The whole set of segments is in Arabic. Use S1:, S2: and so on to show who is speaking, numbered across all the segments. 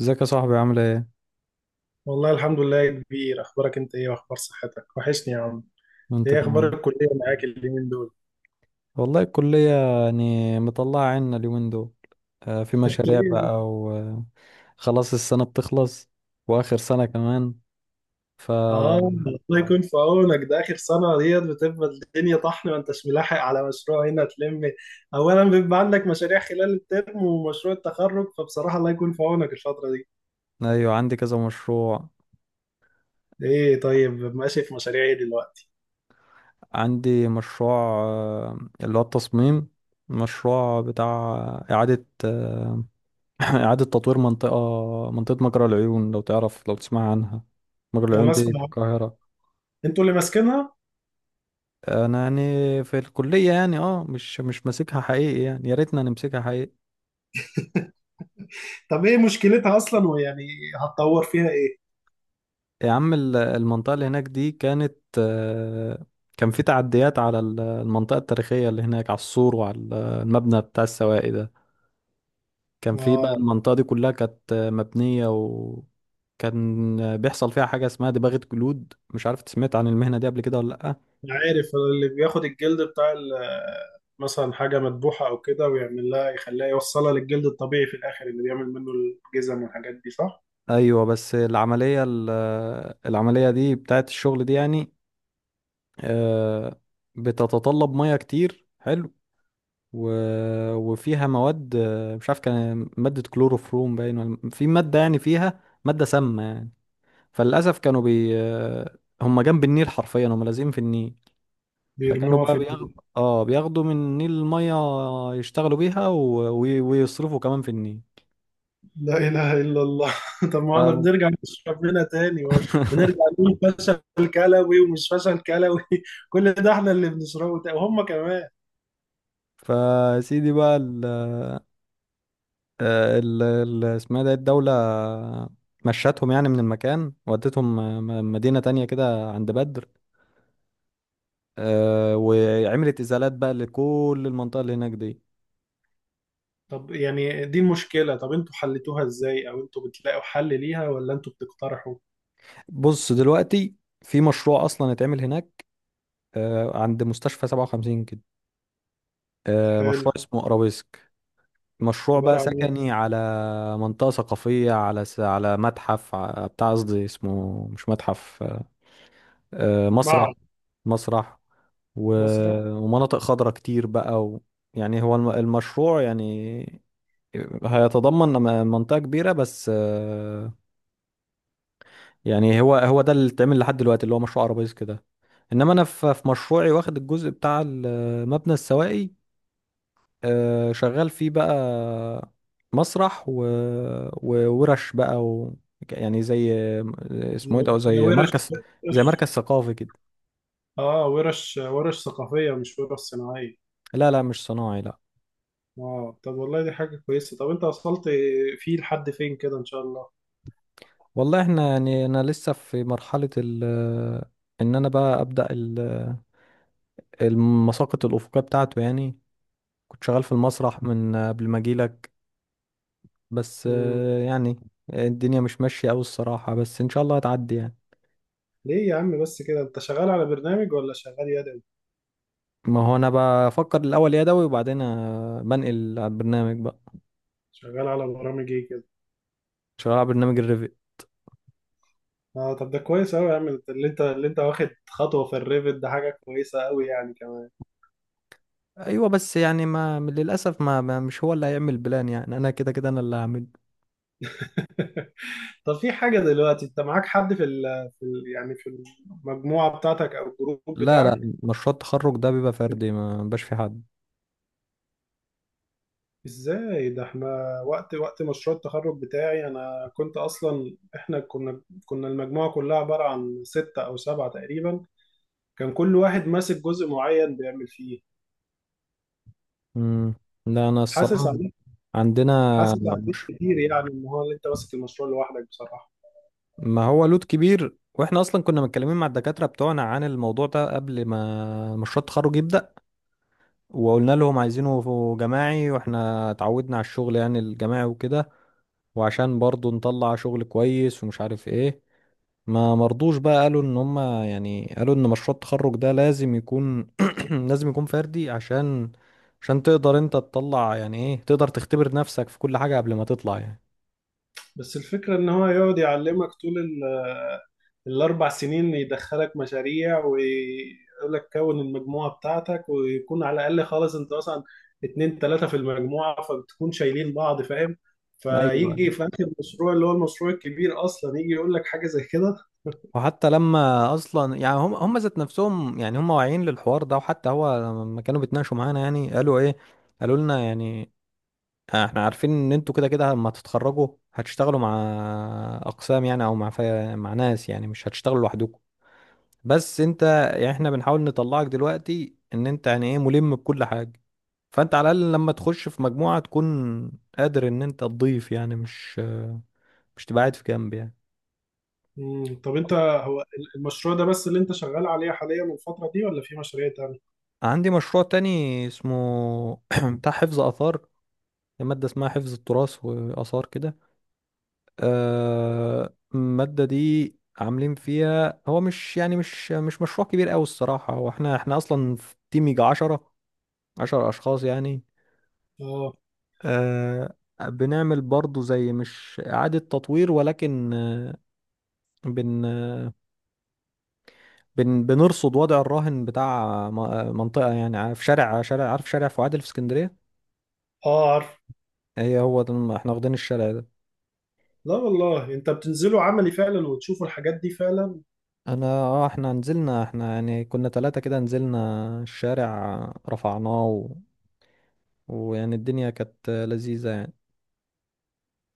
S1: ازيك يا صاحبي؟ عامل ايه؟
S2: والله الحمد لله يا كبير، اخبارك انت ايه؟ واخبار صحتك، وحشني يا عم.
S1: وانت
S2: ايه
S1: كمان.
S2: اخبار الكليه معاك اليومين دول؟
S1: والله الكلية يعني مطلعة عنا اليومين دول. في مشاريع
S2: ليه؟
S1: بقى وخلاص. السنة بتخلص، وآخر سنة كمان. ف
S2: اه. الله يكون في عونك، ده اخر سنه ديت بتبقى الدنيا طحن، ما انتش ملاحق على مشروع هنا تلم. اولا بيبقى عندك مشاريع خلال الترم ومشروع التخرج، فبصراحه الله يكون في عونك الفتره دي.
S1: ايوه، عندي كذا مشروع.
S2: ايه طيب، ماشي، في مشاريع ايه دلوقتي؟
S1: عندي مشروع، آه، اللي هو التصميم. مشروع بتاع إعادة، إعادة تطوير منطقة منطقة مجرى العيون، لو تعرف، لو تسمع عنها. مجرى
S2: انا
S1: العيون دي في
S2: اسمع.
S1: القاهرة.
S2: انتوا اللي ماسكينها.
S1: انا يعني في الكليه، يعني اه، مش ماسكها حقيقي، يعني يا ريتنا نمسكها حقيقي.
S2: طب ايه مشكلتها اصلا، ويعني هتطور فيها ايه؟
S1: يا عم، المنطقه اللي هناك دي كانت، كان في تعديات على المنطقه التاريخيه اللي هناك، على السور وعلى المبنى بتاع السواقي ده. كان في بقى
S2: اه.
S1: المنطقه دي كلها كانت مبنيه، وكان بيحصل فيها حاجه اسمها دباغه جلود. مش عارف سمعت عن المهنه دي قبل كده ولا لا.
S2: عارف اللي بياخد الجلد بتاع مثلا حاجة مذبوحة أو كده، ويعمل لها يخليها يوصلها للجلد الطبيعي في الآخر، اللي بيعمل منه الجزم والحاجات دي، صح؟
S1: ايوه، بس العمليه العمليه دي بتاعت الشغل دي يعني، آه، بتتطلب ميه كتير. حلو. و... وفيها مواد، مش عارف كان مادة كلوروفروم باين ولا في مادة، يعني فيها مادة سامة يعني. فللأسف كانوا بي آه، هم جنب النيل حرفيا، هم لازقين في النيل. فكانوا
S2: بيرموها
S1: بقى
S2: في
S1: بياخدوا، اه، بياخدوا من النيل المية، يشتغلوا بيها، ويصرفوا كمان في النيل.
S2: لا إله إلا الله. طب
S1: ف...
S2: ما احنا بنرجع نشرب منها تاني ونرجع نقول فشل كلوي ومش فشل كلوي، كل ده احنا اللي بنشربه وهم كمان.
S1: فسيدي بقى ال... آه، ال ال- اسمها ده الدولة مشتهم يعني من المكان، ودتهم مدينة تانية كده عند بدر. وعملت إزالات بقى لكل المنطقة اللي هناك دي.
S2: طب يعني دي المشكلة، طب انتوا حلتوها ازاي أو انتوا بتلاقوا حل ليها ولا انتوا بتقترحوا؟
S1: بص دلوقتي، في مشروع أصلا اتعمل هناك، عند مستشفى 57 كده. مشروع
S2: حلو.
S1: اسمه أرابيسك، مشروع بقى
S2: عبارة عن ايه؟
S1: سكني على منطقة ثقافية، على على متحف، بتاع، قصدي اسمه مش متحف، مسرح.
S2: معرض.
S1: مسرح، و...
S2: مسرح.
S1: ومناطق خضراء كتير بقى، يعني هو المشروع يعني هيتضمن منطقة كبيرة، بس يعني هو ده اللي اتعمل لحد دلوقتي، اللي هو مشروع عربيز كده. انما انا في مشروعي واخد الجزء بتاع مبنى السواقي، شغال فيه بقى، مسرح، وورش بقى، يعني زي،
S2: هي
S1: اسمه ايه ده،
S2: هي
S1: زي مركز، زي مركز
S2: ورش-
S1: ثقافي كده.
S2: اه، ورش ثقافية مش ورش صناعية.
S1: لا لا، مش صناعي لا.
S2: اه طب، والله دي حاجة كويسة. طب انت وصلت فيه لحد فين كده ان شاء الله؟
S1: والله احنا يعني، انا لسه في مرحلة ال ان انا بقى ابدأ المساقط الافقية بتاعته يعني. كنت شغال في المسرح من قبل ما اجيلك، بس
S2: مم.
S1: يعني الدنيا مش ماشية اوي الصراحة، بس ان شاء الله هتعدي يعني.
S2: ليه يا عم بس كده، انت شغال على برنامج ولا شغال يدوي؟
S1: ما هو انا بفكر الاول يدوي، وبعدين بنقل على البرنامج بقى.
S2: شغال على برامج ايه كده؟
S1: شغال على برنامج الريفي.
S2: اه طب، ده كويس قوي يا عم، اللي انت واخد خطوة في الريفت، ده حاجة كويسة قوي يعني كمان.
S1: ايوه، بس يعني، ما للاسف، ما مش هو اللي هيعمل بلان يعني، انا كده كده انا اللي هعمل.
S2: طب في حاجة دلوقتي، انت معاك حد في ال في ال يعني في المجموعة بتاعتك او الجروب
S1: لا لا،
S2: بتاعك؟
S1: مشروع التخرج ده بيبقى فردي، ما بيبقاش في حد.
S2: ازاي ده، احنا وقت مشروع التخرج بتاعي، انا كنت اصلا، احنا كنا المجموعة كلها عبارة عن 6 او 7 تقريبا. كان كل واحد ماسك جزء معين بيعمل فيه.
S1: مم. لا انا
S2: حاسس
S1: الصراحة،
S2: عليك.
S1: عندنا،
S2: حاسس عليك
S1: مش،
S2: كتير، يعني ان هو انت ماسك المشروع لوحدك بصراحة.
S1: ما هو لود كبير. واحنا اصلا كنا متكلمين مع الدكاتره بتوعنا عن الموضوع ده قبل ما مشروع التخرج يبدا، وقلنا لهم عايزينه جماعي، واحنا اتعودنا على الشغل يعني الجماعي وكده، وعشان برضو نطلع شغل كويس ومش عارف ايه. ما مرضوش بقى، قالوا ان هم، يعني قالوا ان مشروع التخرج ده لازم يكون، لازم يكون فردي، عشان عشان تقدر انت تطلع، يعني ايه، تقدر تختبر نفسك في كل حاجه قبل ما تطلع يعني.
S2: بس الفكرة ان هو يقعد يعلمك طول ال4 سنين، يدخلك مشاريع ويقول لك كون المجموعه بتاعتك، ويكون على الاقل خالص انت مثلا اتنين تلاته في المجموعه، فبتكون شايلين بعض، فاهم؟
S1: ايوه،
S2: فيجي في اخر المشروع اللي هو المشروع الكبير اصلا، يجي يقول لك حاجه زي كده.
S1: وحتى لما اصلا، يعني هم ذات نفسهم يعني هم واعيين للحوار ده. وحتى هو لما كانوا بيتناقشوا معانا، يعني قالوا ايه، قالوا لنا يعني احنا عارفين ان انتوا كده كده لما تتخرجوا هتشتغلوا مع اقسام يعني، او مع مع ناس، يعني مش هتشتغلوا لوحدكم. بس انت، يعني احنا بنحاول نطلعك دلوقتي ان انت يعني ايه، ملم بكل حاجة. فانت على الاقل لما تخش في مجموعة تكون قادر ان انت تضيف يعني، مش تبقى قاعد في جنب يعني.
S2: مم، طب انت، هو المشروع ده بس اللي انت شغال عليه حاليا الفتره دي ولا في مشاريع تانية؟
S1: عندي مشروع تاني اسمه بتاع حفظ آثار. مادة اسمها حفظ التراث وآثار كده. المادة دي عاملين فيها، هو مش يعني، مش مشروع كبير أوي الصراحة. هو احنا أصلا في تيم يجي عشرة، عشر أشخاص يعني.
S2: اه.
S1: آه، بنعمل برضو زي مش إعادة تطوير، ولكن آه، بن آه، بن بنرصد وضع الراهن بتاع منطقة يعني في شارع عارف شارع فؤاد اللي في اسكندرية.
S2: اه عارف.
S1: احنا واخدين الشارع ده.
S2: لا والله، انت بتنزلوا عملي فعلا وتشوفوا الحاجات دي فعلا.
S1: انا اه، احنا نزلنا، احنا يعني كنا ثلاثة كده، نزلنا الشارع، رفعناه، ويعني الدنيا كانت لذيذة يعني.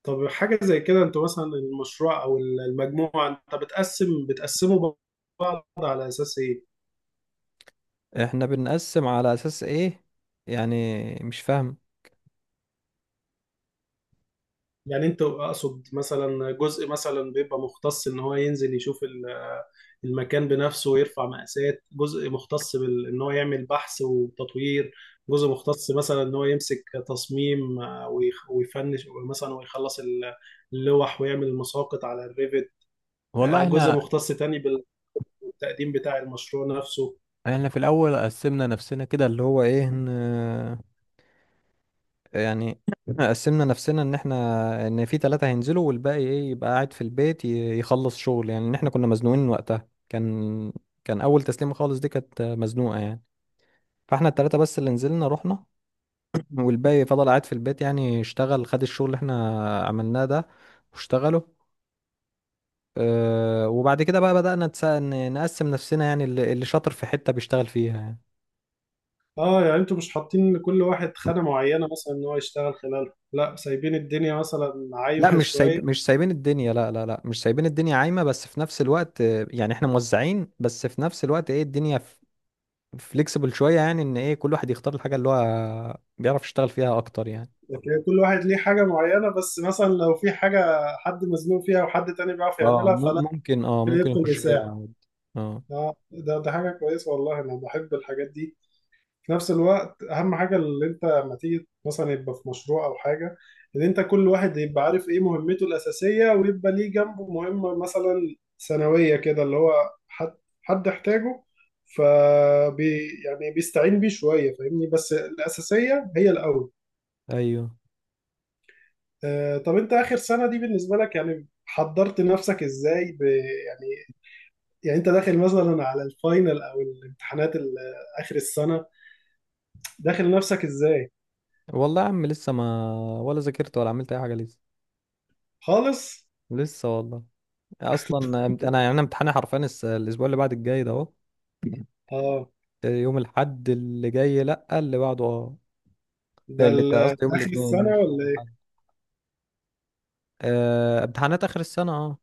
S2: طب حاجة زي كده، انتوا مثلا المشروع او المجموعة انت بتقسموا بعض على اساس ايه؟
S1: احنا بنقسم على اساس ايه؟ يعني مش فاهم.
S2: يعني انتوا اقصد، مثلا جزء مثلا بيبقى مختص ان هو ينزل يشوف المكان بنفسه ويرفع مقاسات، جزء مختص ان هو يعمل بحث وتطوير، جزء مختص مثلا ان هو يمسك تصميم، ويفنش مثلا ويخلص اللوح، ويعمل المساقط على الريفت،
S1: والله
S2: جزء
S1: احنا
S2: مختص تاني بالتقديم بتاع المشروع نفسه.
S1: احنا في الاول قسمنا نفسنا كده، اللي هو ايه، ان يعني قسمنا نفسنا ان احنا، ان في ثلاثة هينزلوا، والباقي ايه، يبقى قاعد في البيت يخلص شغل، يعني ان احنا كنا مزنوقين وقتها. كان اول تسليمة خالص دي كانت مزنوقة يعني. فاحنا الثلاثة بس اللي نزلنا رحنا، والباقي فضل قاعد في البيت يعني، اشتغل، خد الشغل اللي احنا عملناه ده واشتغله. اه، وبعد كده بقى بدأنا نقسم نفسنا، يعني اللي شاطر في حتة بيشتغل فيها يعني.
S2: اه يعني انتوا مش حاطين لكل واحد خانة معينة مثلا ان هو يشتغل خلالها، لا سايبين الدنيا مثلا
S1: لا،
S2: عايمة
S1: مش سايب
S2: شوية.
S1: مش سايبين الدنيا، لا مش سايبين الدنيا عايمة، بس في نفس الوقت يعني احنا موزعين، بس في نفس الوقت ايه، الدنيا فليكسبل شوية، يعني ان ايه، كل واحد يختار الحاجة اللي هو بيعرف يشتغل فيها اكتر يعني.
S2: لكن كل واحد ليه حاجة معينة، بس مثلا لو في حاجة حد مزنوق فيها وحد تاني بيعرف
S1: اه،
S2: يعملها فلا.
S1: ممكن، اه ممكن
S2: يدخل
S1: يخش فيها
S2: يساعد.
S1: عادي. اه
S2: اه، ده حاجة كويسة والله، انا بحب الحاجات دي. في نفس الوقت، اهم حاجه اللي انت لما تيجي مثلا يبقى في مشروع او حاجه، ان انت كل واحد يبقى عارف ايه مهمته الاساسيه، ويبقى ليه جنبه مهمه مثلا ثانويه كده، اللي هو حد حد احتاجه، يعني بيستعين بيه شويه، فاهمني؟ بس الاساسيه هي الاول.
S1: ايوه
S2: طب انت، اخر سنه دي بالنسبه لك يعني حضرت نفسك ازاي، ب يعني يعني انت داخل مثلا على الفاينل او الامتحانات اخر السنه، داخل نفسك ازاي؟
S1: والله يا عم، لسه ما، ولا ذاكرت ولا عملت اي حاجة لسه.
S2: خالص؟
S1: لسه والله. اصلا انا، يعني انا امتحاني حرفيا الاسبوع اللي بعد الجاي ده اهو.
S2: اه،
S1: يوم الاحد اللي جاي، لا اللي بعده اه.
S2: ده
S1: اللي ده قصدي يوم
S2: آخر
S1: الاثنين
S2: السنة
S1: مش
S2: ولا إيه؟
S1: الاحد. امتحانات اخر السنه اه.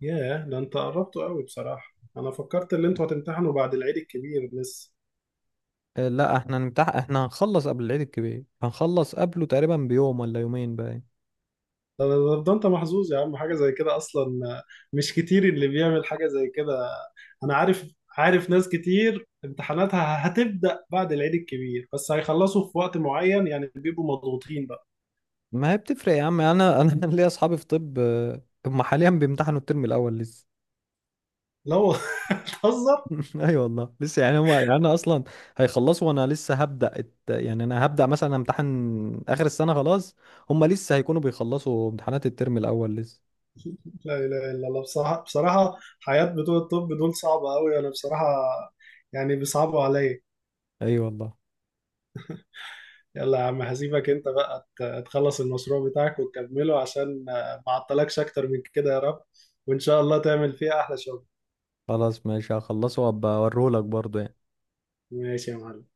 S2: ياه، ده أنت قربته قوي بصراحة. أنا فكرت إن أنتوا هتمتحنوا بعد العيد الكبير لسه.
S1: لا احنا احنا هنخلص قبل العيد الكبير، هنخلص قبله تقريبا بيوم ولا يومين باين.
S2: ده أنت محظوظ يا عم، حاجة زي كده أصلا مش كتير اللي بيعمل حاجة زي كده. أنا عارف. عارف ناس كتير امتحاناتها هتبدأ بعد العيد الكبير، بس هيخلصوا في وقت معين يعني، بيبقوا مضغوطين بقى.
S1: ما هي بتفرق يا عم، انا ليا اصحابي في طب، هم حاليا بيمتحنوا الترم الاول لسه.
S2: لو بتهزر.
S1: ايوه والله لسه، يعني هو يعني انا اصلا، هيخلصوا وانا لسه هبدا يعني انا هبدا مثلا امتحن اخر السنه خلاص، هم لسه هيكونوا بيخلصوا امتحانات الترم الاول لسه.
S2: لا إله إلا الله، بصراحة بصراحة حياة بتوع الطب دول صعبة قوي، أنا بصراحة يعني بيصعبوا عليا.
S1: ايوه والله.
S2: يلا يا عم، هسيبك انت بقى تخلص المشروع بتاعك وتكمله، عشان ما اعطلكش اكتر من كده يا رب، وان شاء الله تعمل فيها احلى شغل.
S1: خلاص ماشي، هخلصه وابقى اوريهولك برضه يعني.
S2: ماشي يا معلم.